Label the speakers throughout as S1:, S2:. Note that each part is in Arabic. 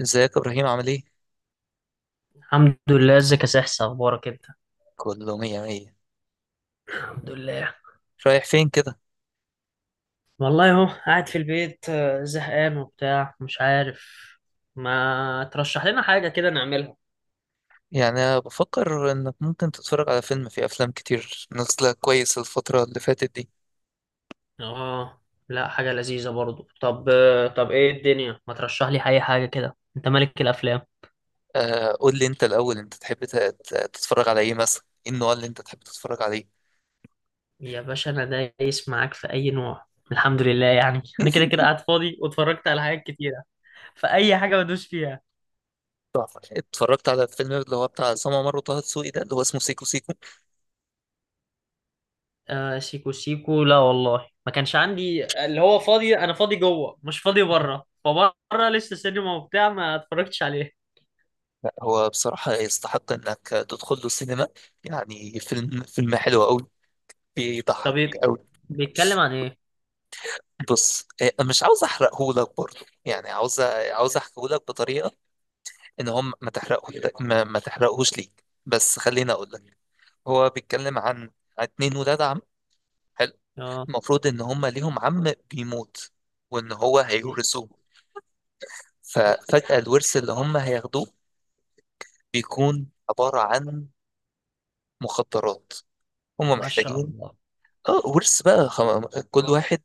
S1: ازيك يا ابراهيم؟ عامل ايه؟
S2: الحمد لله. ازيك يا سحس؟ اخبارك انت؟
S1: كله مية مية.
S2: الحمد لله
S1: رايح فين كده؟
S2: والله اهو قاعد في البيت، زهقان وبتاع مش عارف. ما ترشح لنا حاجة كده نعملها؟
S1: يعني أنا بفكر انك ممكن تتفرج على فيلم، في افلام كتير نازله كويس الفتره اللي فاتت دي.
S2: اه لا، حاجة لذيذة برضو. طب طب ايه الدنيا، ما ترشح لي اي حاجة كده؟ انت ملك الافلام.
S1: آه، قول لي انت الاول، انت تحب تتفرج على ايه مثلا؟ ايه النوع اللي انت تحب تتفرج عليه؟
S2: يا باشا انا دايس معاك في اي نوع. الحمد لله يعني انا كده كده قاعد فاضي واتفرجت على حاجات كتيرة، فاي حاجة بدوس فيها.
S1: تحفة. اتفرجت على الفيلم اللي هو بتاع عصام عمر وطه دسوقي، ده اللي هو اسمه سيكو سيكو.
S2: آه سيكو سيكو، لا والله ما كانش عندي. اللي هو فاضي، انا فاضي جوه مش فاضي بره، فبره لسه سينما وبتاع ما اتفرجتش عليه.
S1: لا هو بصراحه يستحق انك تدخل له السينما، يعني فيلم حلو قوي، بيضحك
S2: طب إيه؟
S1: قوي.
S2: بيتكلم عن ايه؟
S1: بص، مش عاوز احرقهولك برضه، يعني عاوز، عاوز احكيهولك بطريقه ان هم ما تحرقه، ما تحرقهوش ليك، بس خليني اقول لك. هو بيتكلم عن اتنين ولاد عم، حلو.
S2: اه.
S1: المفروض ان هم ليهم عم بيموت، وان هو هيورثوه. ففجأة الورث اللي هم هياخدوه بيكون عبارة عن مخدرات هم
S2: ما شاء
S1: محتاجين.
S2: الله.
S1: اه، ورث بقى كل واحد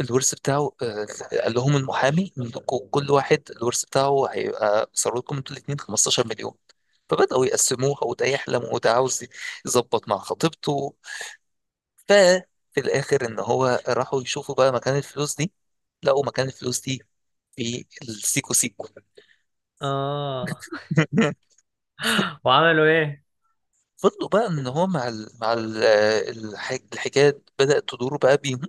S1: الورث بتاعه، قال لهم المحامي منكم كل واحد الورث بتاعه هيبقى صار لكم انتوا الاثنين 15 مليون. فبدأوا يقسموها، وده يحلم وده عاوز يظبط مع خطيبته. ففي الآخر إن هو راحوا يشوفوا بقى مكان الفلوس دي، لقوا مكان الفلوس دي في السيكو سيكو.
S2: اه. وعملوا ايه؟
S1: فضلوا بقى إن هو مع ال الحكاية بدأت تدور بقى بيهم،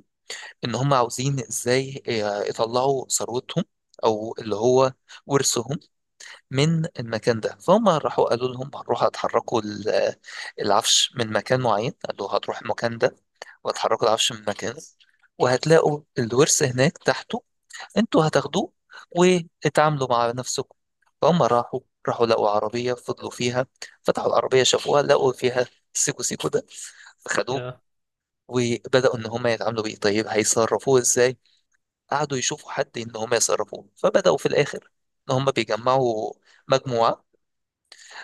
S1: إن هم عاوزين إزاي يطلعوا ثروتهم، أو اللي هو ورثهم، من المكان ده. فهم راحوا، قالوا لهم هنروحوا هتحركوا العفش من مكان معين، قالوا هتروح المكان ده وهتحركوا العفش من مكان، وهتلاقوا الورث هناك تحته، انتوا هتاخدوه واتعاملوا مع نفسكم. فهم راحوا، راحوا لقوا عربية، فضلوا فيها، فتحوا العربية شافوها لقوا فيها سيكو سيكو ده، فخدوه.
S2: يا-
S1: وبدأوا إن هما يتعاملوا بيه، طيب هيصرفوه إزاي؟ قعدوا يشوفوا حد إن هما يصرفوه. فبدأوا في الآخر إن هما بيجمعوا مجموعة،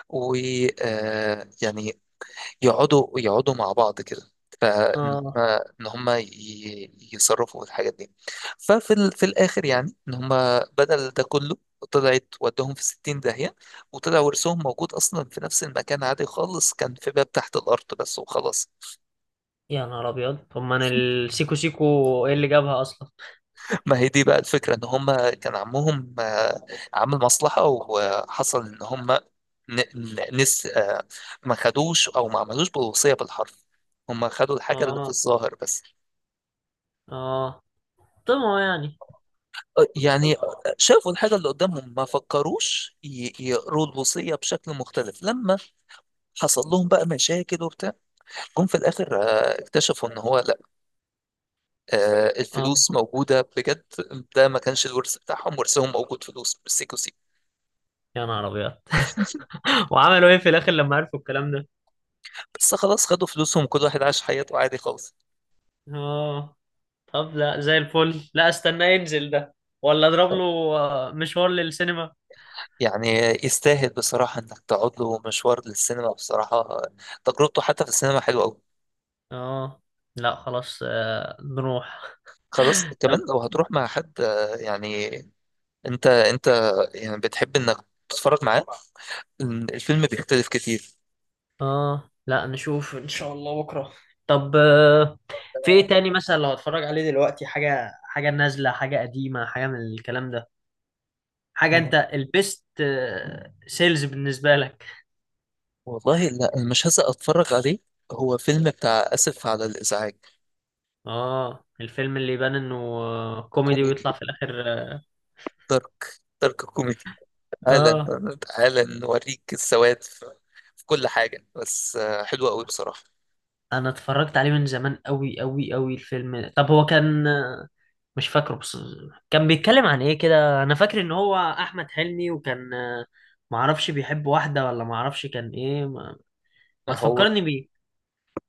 S1: ويعني يقعدوا مع بعض كده، فان هم
S2: اه.
S1: ان هم يصرفوا في الحاجات دي. ففي في الاخر يعني ان هم بدل ده كله، طلعت ودهم في 60 داهية. وطلع ورثهم موجود اصلا في نفس المكان عادي خالص، كان في باب تحت الارض بس وخلاص.
S2: يا نهار ابيض، طب ما انا السيكو سيكو، ايه اللي جابها اصلا؟
S1: ما هي دي بقى الفكرة، ان هم كان عمهم عامل مصلحة، وحصل ان هم نس آه، ما خدوش او ما عملوش بالوصية بالحرف، هم خدوا الحاجة اللي في
S2: اه.
S1: الظاهر بس.
S2: اه. طمعوا يعني.
S1: يعني شافوا الحاجة اللي قدامهم، ما فكروش يقروا الوصية بشكل مختلف. لما حصل لهم بقى مشاكل وبتاع، جم في الآخر اكتشفوا ان هو لا، آه،
S2: اه.
S1: الفلوس موجودة بجد، ده ما كانش الورث بتاعهم، ورثهم موجود فلوس بالسيكو سيكو.
S2: يا نهار ابيض. وعملوا ايه في الاخر لما عرفوا الكلام ده؟
S1: بس خلاص، خدوا فلوسهم، كل واحد عاش حياته عادي خالص.
S2: اه. طب لا، زي الفل. لا استنى ينزل ده ولا اضرب له مشوار للسينما؟
S1: يعني يستاهل بصراحة إنك تقعد له مشوار للسينما بصراحة، تجربته حتى في السينما حلوة أوي.
S2: اه لا خلاص، نروح.
S1: خلاص
S2: طب.
S1: كمان لو هتروح مع حد آه، يعني أنت أنت يعني بتحب إنك تتفرج معاه، الفيلم بيختلف كتير.
S2: اه لا، نشوف ان شاء الله بكره. طب في ايه تاني مثلا لو هتفرج عليه دلوقتي؟ حاجه حاجه نازله حاجه قديمه حاجه من الكلام ده، حاجه انت البيست سيلز بالنسبه لك.
S1: والله لا، أنا مش هسأل أتفرج عليه، هو فيلم بتاع آسف على الإزعاج.
S2: اه الفيلم اللي يبان انه كوميدي
S1: كوميدي،
S2: ويطلع في الاخر اه.
S1: دارك كوميدي. تعالى،
S2: آه.
S1: تعالى نوريك السواد في في كل حاجة، بس آه، حلوة أوي بصراحة.
S2: انا اتفرجت عليه من زمان قوي قوي قوي الفيلم ده. طب هو كان، مش فاكره بس، كان بيتكلم عن ايه كده؟ انا فاكر ان هو احمد حلمي وكان، معرفش بيحب واحدة ولا معرفش كان ايه. ما
S1: هو
S2: تفكرني بيه.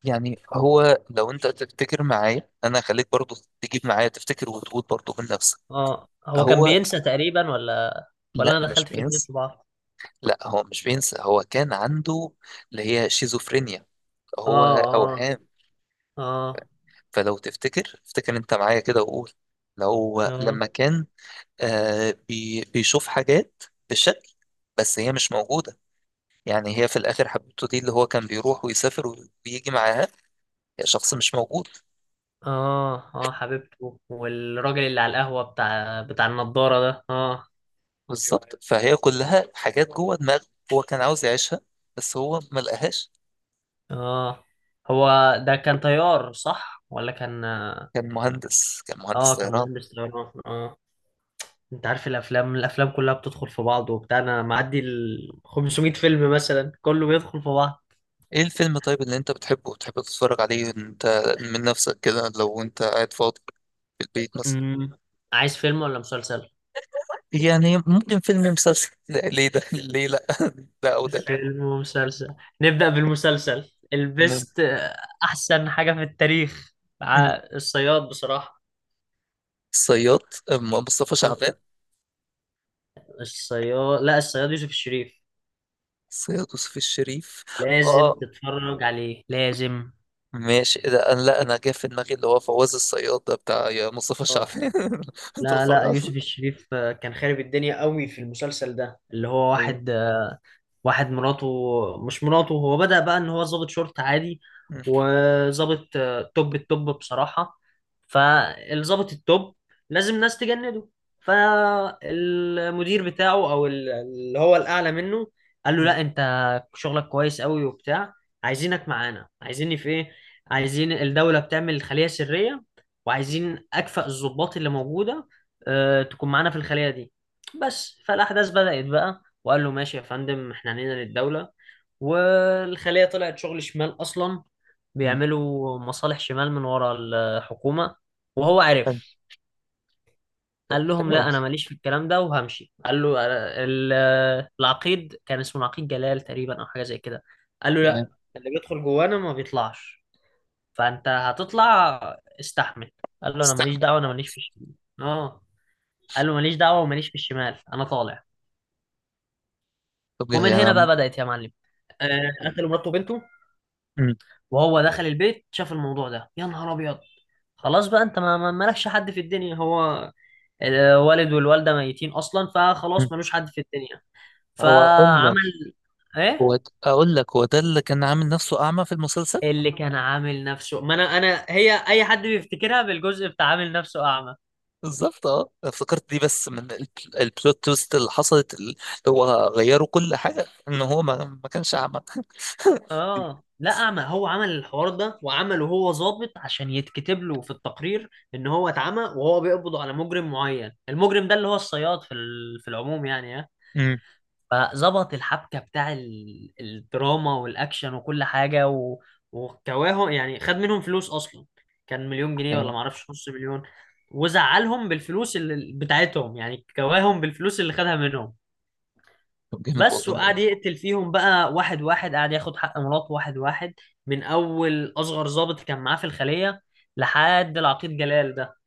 S1: يعني هو لو انت تفتكر معايا، انا خليك برضو تجيب معايا، تفتكر وتقول برضو من نفسك.
S2: اه هو كان
S1: هو
S2: بينسى تقريبا ولا؟ ولا
S1: لا
S2: انا
S1: مش
S2: دخلت فيلمين
S1: بينسى،
S2: في بعض؟
S1: لا هو مش بينسى، هو كان عنده اللي هي شيزوفرينيا،
S2: اه
S1: هو اوهام.
S2: اه اه.
S1: فلو تفتكر، افتكر انت معايا كده وقول. لو
S2: اه
S1: لما كان آه بي بيشوف حاجات بالشكل، بس هي مش موجودة. يعني هي في الاخر حبيبته دي اللي هو كان بيروح ويسافر ويجي معاها، هي شخص مش موجود.
S2: اه اه حبيبته، والراجل اللي على القهوة بتاع النضارة ده اه.
S1: بالظبط، فهي كلها حاجات جوه دماغه، هو كان عاوز يعيشها بس هو ما لقاهاش.
S2: اه هو، ده كان طيار صح ولا كان؟
S1: كان مهندس، كان مهندس
S2: اه
S1: طيران.
S2: كمهندس طيران اه. انت عارف الافلام كلها بتدخل في بعض وبتاع، انا معدي ال 500 فيلم مثلا، كله بيدخل في بعض.
S1: ايه الفيلم طيب اللي انت بتحبه وتحب تتفرج عليه انت، من نفسك كده لو انت قاعد فاضي في البيت مثلا؟
S2: امم عايز فيلم ولا مسلسل؟
S1: يعني ممكن فيلم مسلسل، لا، ليه ده؟ ليه لا؟ ده او ده.
S2: فيلم ومسلسل. نبدأ بالمسلسل
S1: م-
S2: البست، احسن حاجة في التاريخ،
S1: م.
S2: الصياد بصراحة.
S1: الصياد، مصطفى
S2: آه،
S1: شعبان؟
S2: الصياد؟ لا، الصياد يوسف الشريف.
S1: الصياد يوسف الشريف.
S2: لازم
S1: اه،
S2: تتفرج عليه، لازم.
S1: ماشي. ده انا لا، انا جاي في دماغي اللي هو فواز الصياد ده بتاع، يا مصطفى
S2: آه.
S1: شعبان. انت
S2: لا
S1: بتتفرج
S2: لا
S1: على؟
S2: يوسف الشريف، كان خارب الدنيا قوي في المسلسل ده. اللي هو
S1: ايوه.
S2: واحد، واحد مراته، مش مراته، هو بدأ بقى ان هو ظابط شرطة عادي وظابط توب التوب بصراحة. فالظابط التوب لازم ناس تجنده. فالمدير بتاعه او اللي هو الاعلى منه قال له
S1: مم.
S2: لا انت شغلك كويس قوي وبتاع، عايزينك معانا. عايزيني في ايه؟ عايزين الدولة بتعمل خلية سرية وعايزين اكفأ الضباط اللي موجودة تكون معانا في الخلية دي بس. فالأحداث بدأت بقى، وقال له ماشي يا فندم احنا عنينا للدولة. والخلية طلعت شغل شمال أصلا،
S1: مم.
S2: بيعملوا مصالح شمال من ورا الحكومة وهو
S1: حلو.
S2: عرف.
S1: طب
S2: قال لهم
S1: حلو أوي.
S2: لا أنا ماليش في الكلام ده وهمشي. قال له ال- العقيد، كان اسمه العقيد جلال تقريبا أو حاجة زي كده، قال له
S1: تمام.
S2: لا، اللي بيدخل جوانا ما بيطلعش، فأنت هتطلع، استحمل. قال له أنا ماليش
S1: استنى.
S2: دعوة، أنا ماليش في الشمال. اه. قال له ماليش دعوة وماليش في الشمال، أنا طالع.
S1: طب
S2: ومن
S1: يعني
S2: هنا بقى
S1: أنا.
S2: بدأت يا معلم. قتلوا مراته وبنته،
S1: مم.
S2: وهو دخل البيت شاف الموضوع ده، يا نهار ابيض، خلاص بقى انت مالكش حد في الدنيا. هو الوالد والوالده ميتين اصلا،
S1: مم.
S2: فخلاص ملوش حد في الدنيا.
S1: هو أقول لك،
S2: فعمل ايه؟
S1: هو أقول لك، هو ده اللي كان عامل نفسه أعمى في المسلسل.
S2: اللي كان عامل نفسه، ما انا، انا هي اي حد بيفتكرها بالجزء بتاع عامل نفسه اعمى.
S1: بالظبط، أه افتكرت دي، بس من البلوت تويست اللي حصلت، اللي هو غيروا كل حاجة إن هو ما كانش أعمى.
S2: اه لا اعمى، هو عمل الحوار ده وعمله هو ظابط عشان يتكتب له في التقرير ان هو اتعمى وهو بيقبض على مجرم معين. المجرم ده اللي هو الصياد في في العموم يعني آه.
S1: امم.
S2: فظبط الحبكة بتاع الدراما والأكشن وكل حاجة و... وكواهم يعني، خد منهم فلوس أصلا، كان مليون جنيه ولا
S1: جامد.
S2: معرفش نص مليون، وزعلهم بالفلوس اللي بتاعتهم. يعني كواهم بالفلوس اللي خدها منهم
S1: طب جامد
S2: بس.
S1: والله.
S2: وقعد يقتل فيهم بقى واحد واحد. قعد ياخد حق مراته واحد واحد، من أول أصغر ضابط كان معاه في الخلية لحد العقيد جلال ده.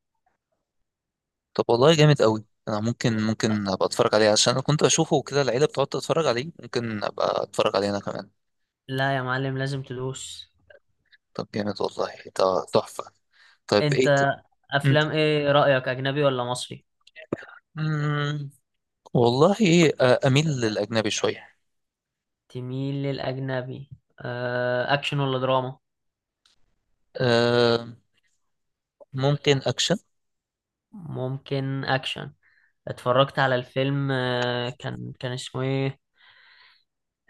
S1: طب والله جامد قوي، انا ممكن، ممكن ابقى اتفرج عليه، عشان انا كنت اشوفه كده العيله بتقعد تتفرج عليه، ممكن ابقى اتفرج عليه انا كمان.
S2: لا يا معلم لازم تدوس.
S1: طب جامد والله، ده تحفه. طيب ايه
S2: أنت
S1: مم.
S2: أفلام إيه رأيك، أجنبي ولا مصري؟
S1: مم، والله آه، أميل للأجنبي شوية.
S2: تميل للأجنبي. أكشن ولا دراما؟
S1: آه، ممكن أكشن.
S2: ممكن أكشن. اتفرجت على الفيلم كان اسمه إيه،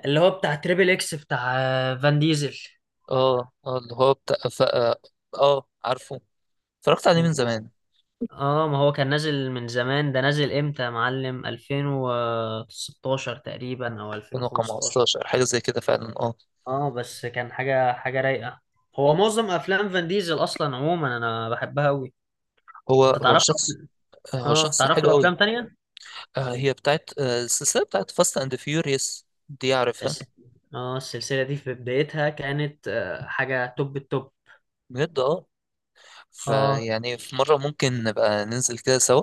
S2: اللي هو بتاع تريبل إكس بتاع فان ديزل.
S1: اه اه، اللي هو بتاع اه، آه، عارفه، اتفرجت عليه من زمان،
S2: اه ما هو كان نازل من زمان، ده نازل امتى يا معلم؟ 2016 تقريبا او 2015.
S1: 2015 حاجة زي كده فعلا، اه.
S2: اه بس كان حاجة حاجة رايقة. هو معظم افلام فان ديزل اصلا عموما انا بحبها قوي.
S1: هو
S2: انت
S1: هو
S2: تعرف له؟
S1: شخص، آه، هو
S2: اه
S1: شخص
S2: تعرف
S1: حلو
S2: له
S1: قوي.
S2: افلام تانية؟
S1: آه، هي بتاعت آه، السلسلة بتاعت فاست اند فيوريوس دي، عارفها؟
S2: الس- اه السلسلة دي في بدايتها كانت حاجة توب التوب.
S1: بجد. اه،
S2: اه
S1: فيعني في مرة ممكن نبقى ننزل كده سوا،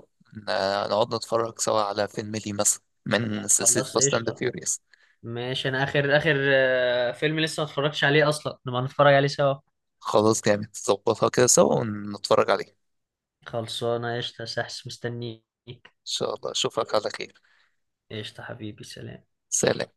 S1: آه، نقعد نتفرج سوا على فيلم لي مثلا من سلسلة
S2: خلاص
S1: فاست اند
S2: قشطة.
S1: فيوريوس.
S2: ماشي انا اخر اخر فيلم لسه ما اتفرجتش عليه اصلا، نبقى نتفرج عليه سوا.
S1: خلاص، جامد، نظبطها كده سوا ونتفرج عليه ان
S2: خلصانة قشطة يا سحس مستنيك.
S1: شاء الله. اشوفك على خير.
S2: قشطة حبيبي سلام.
S1: سلام.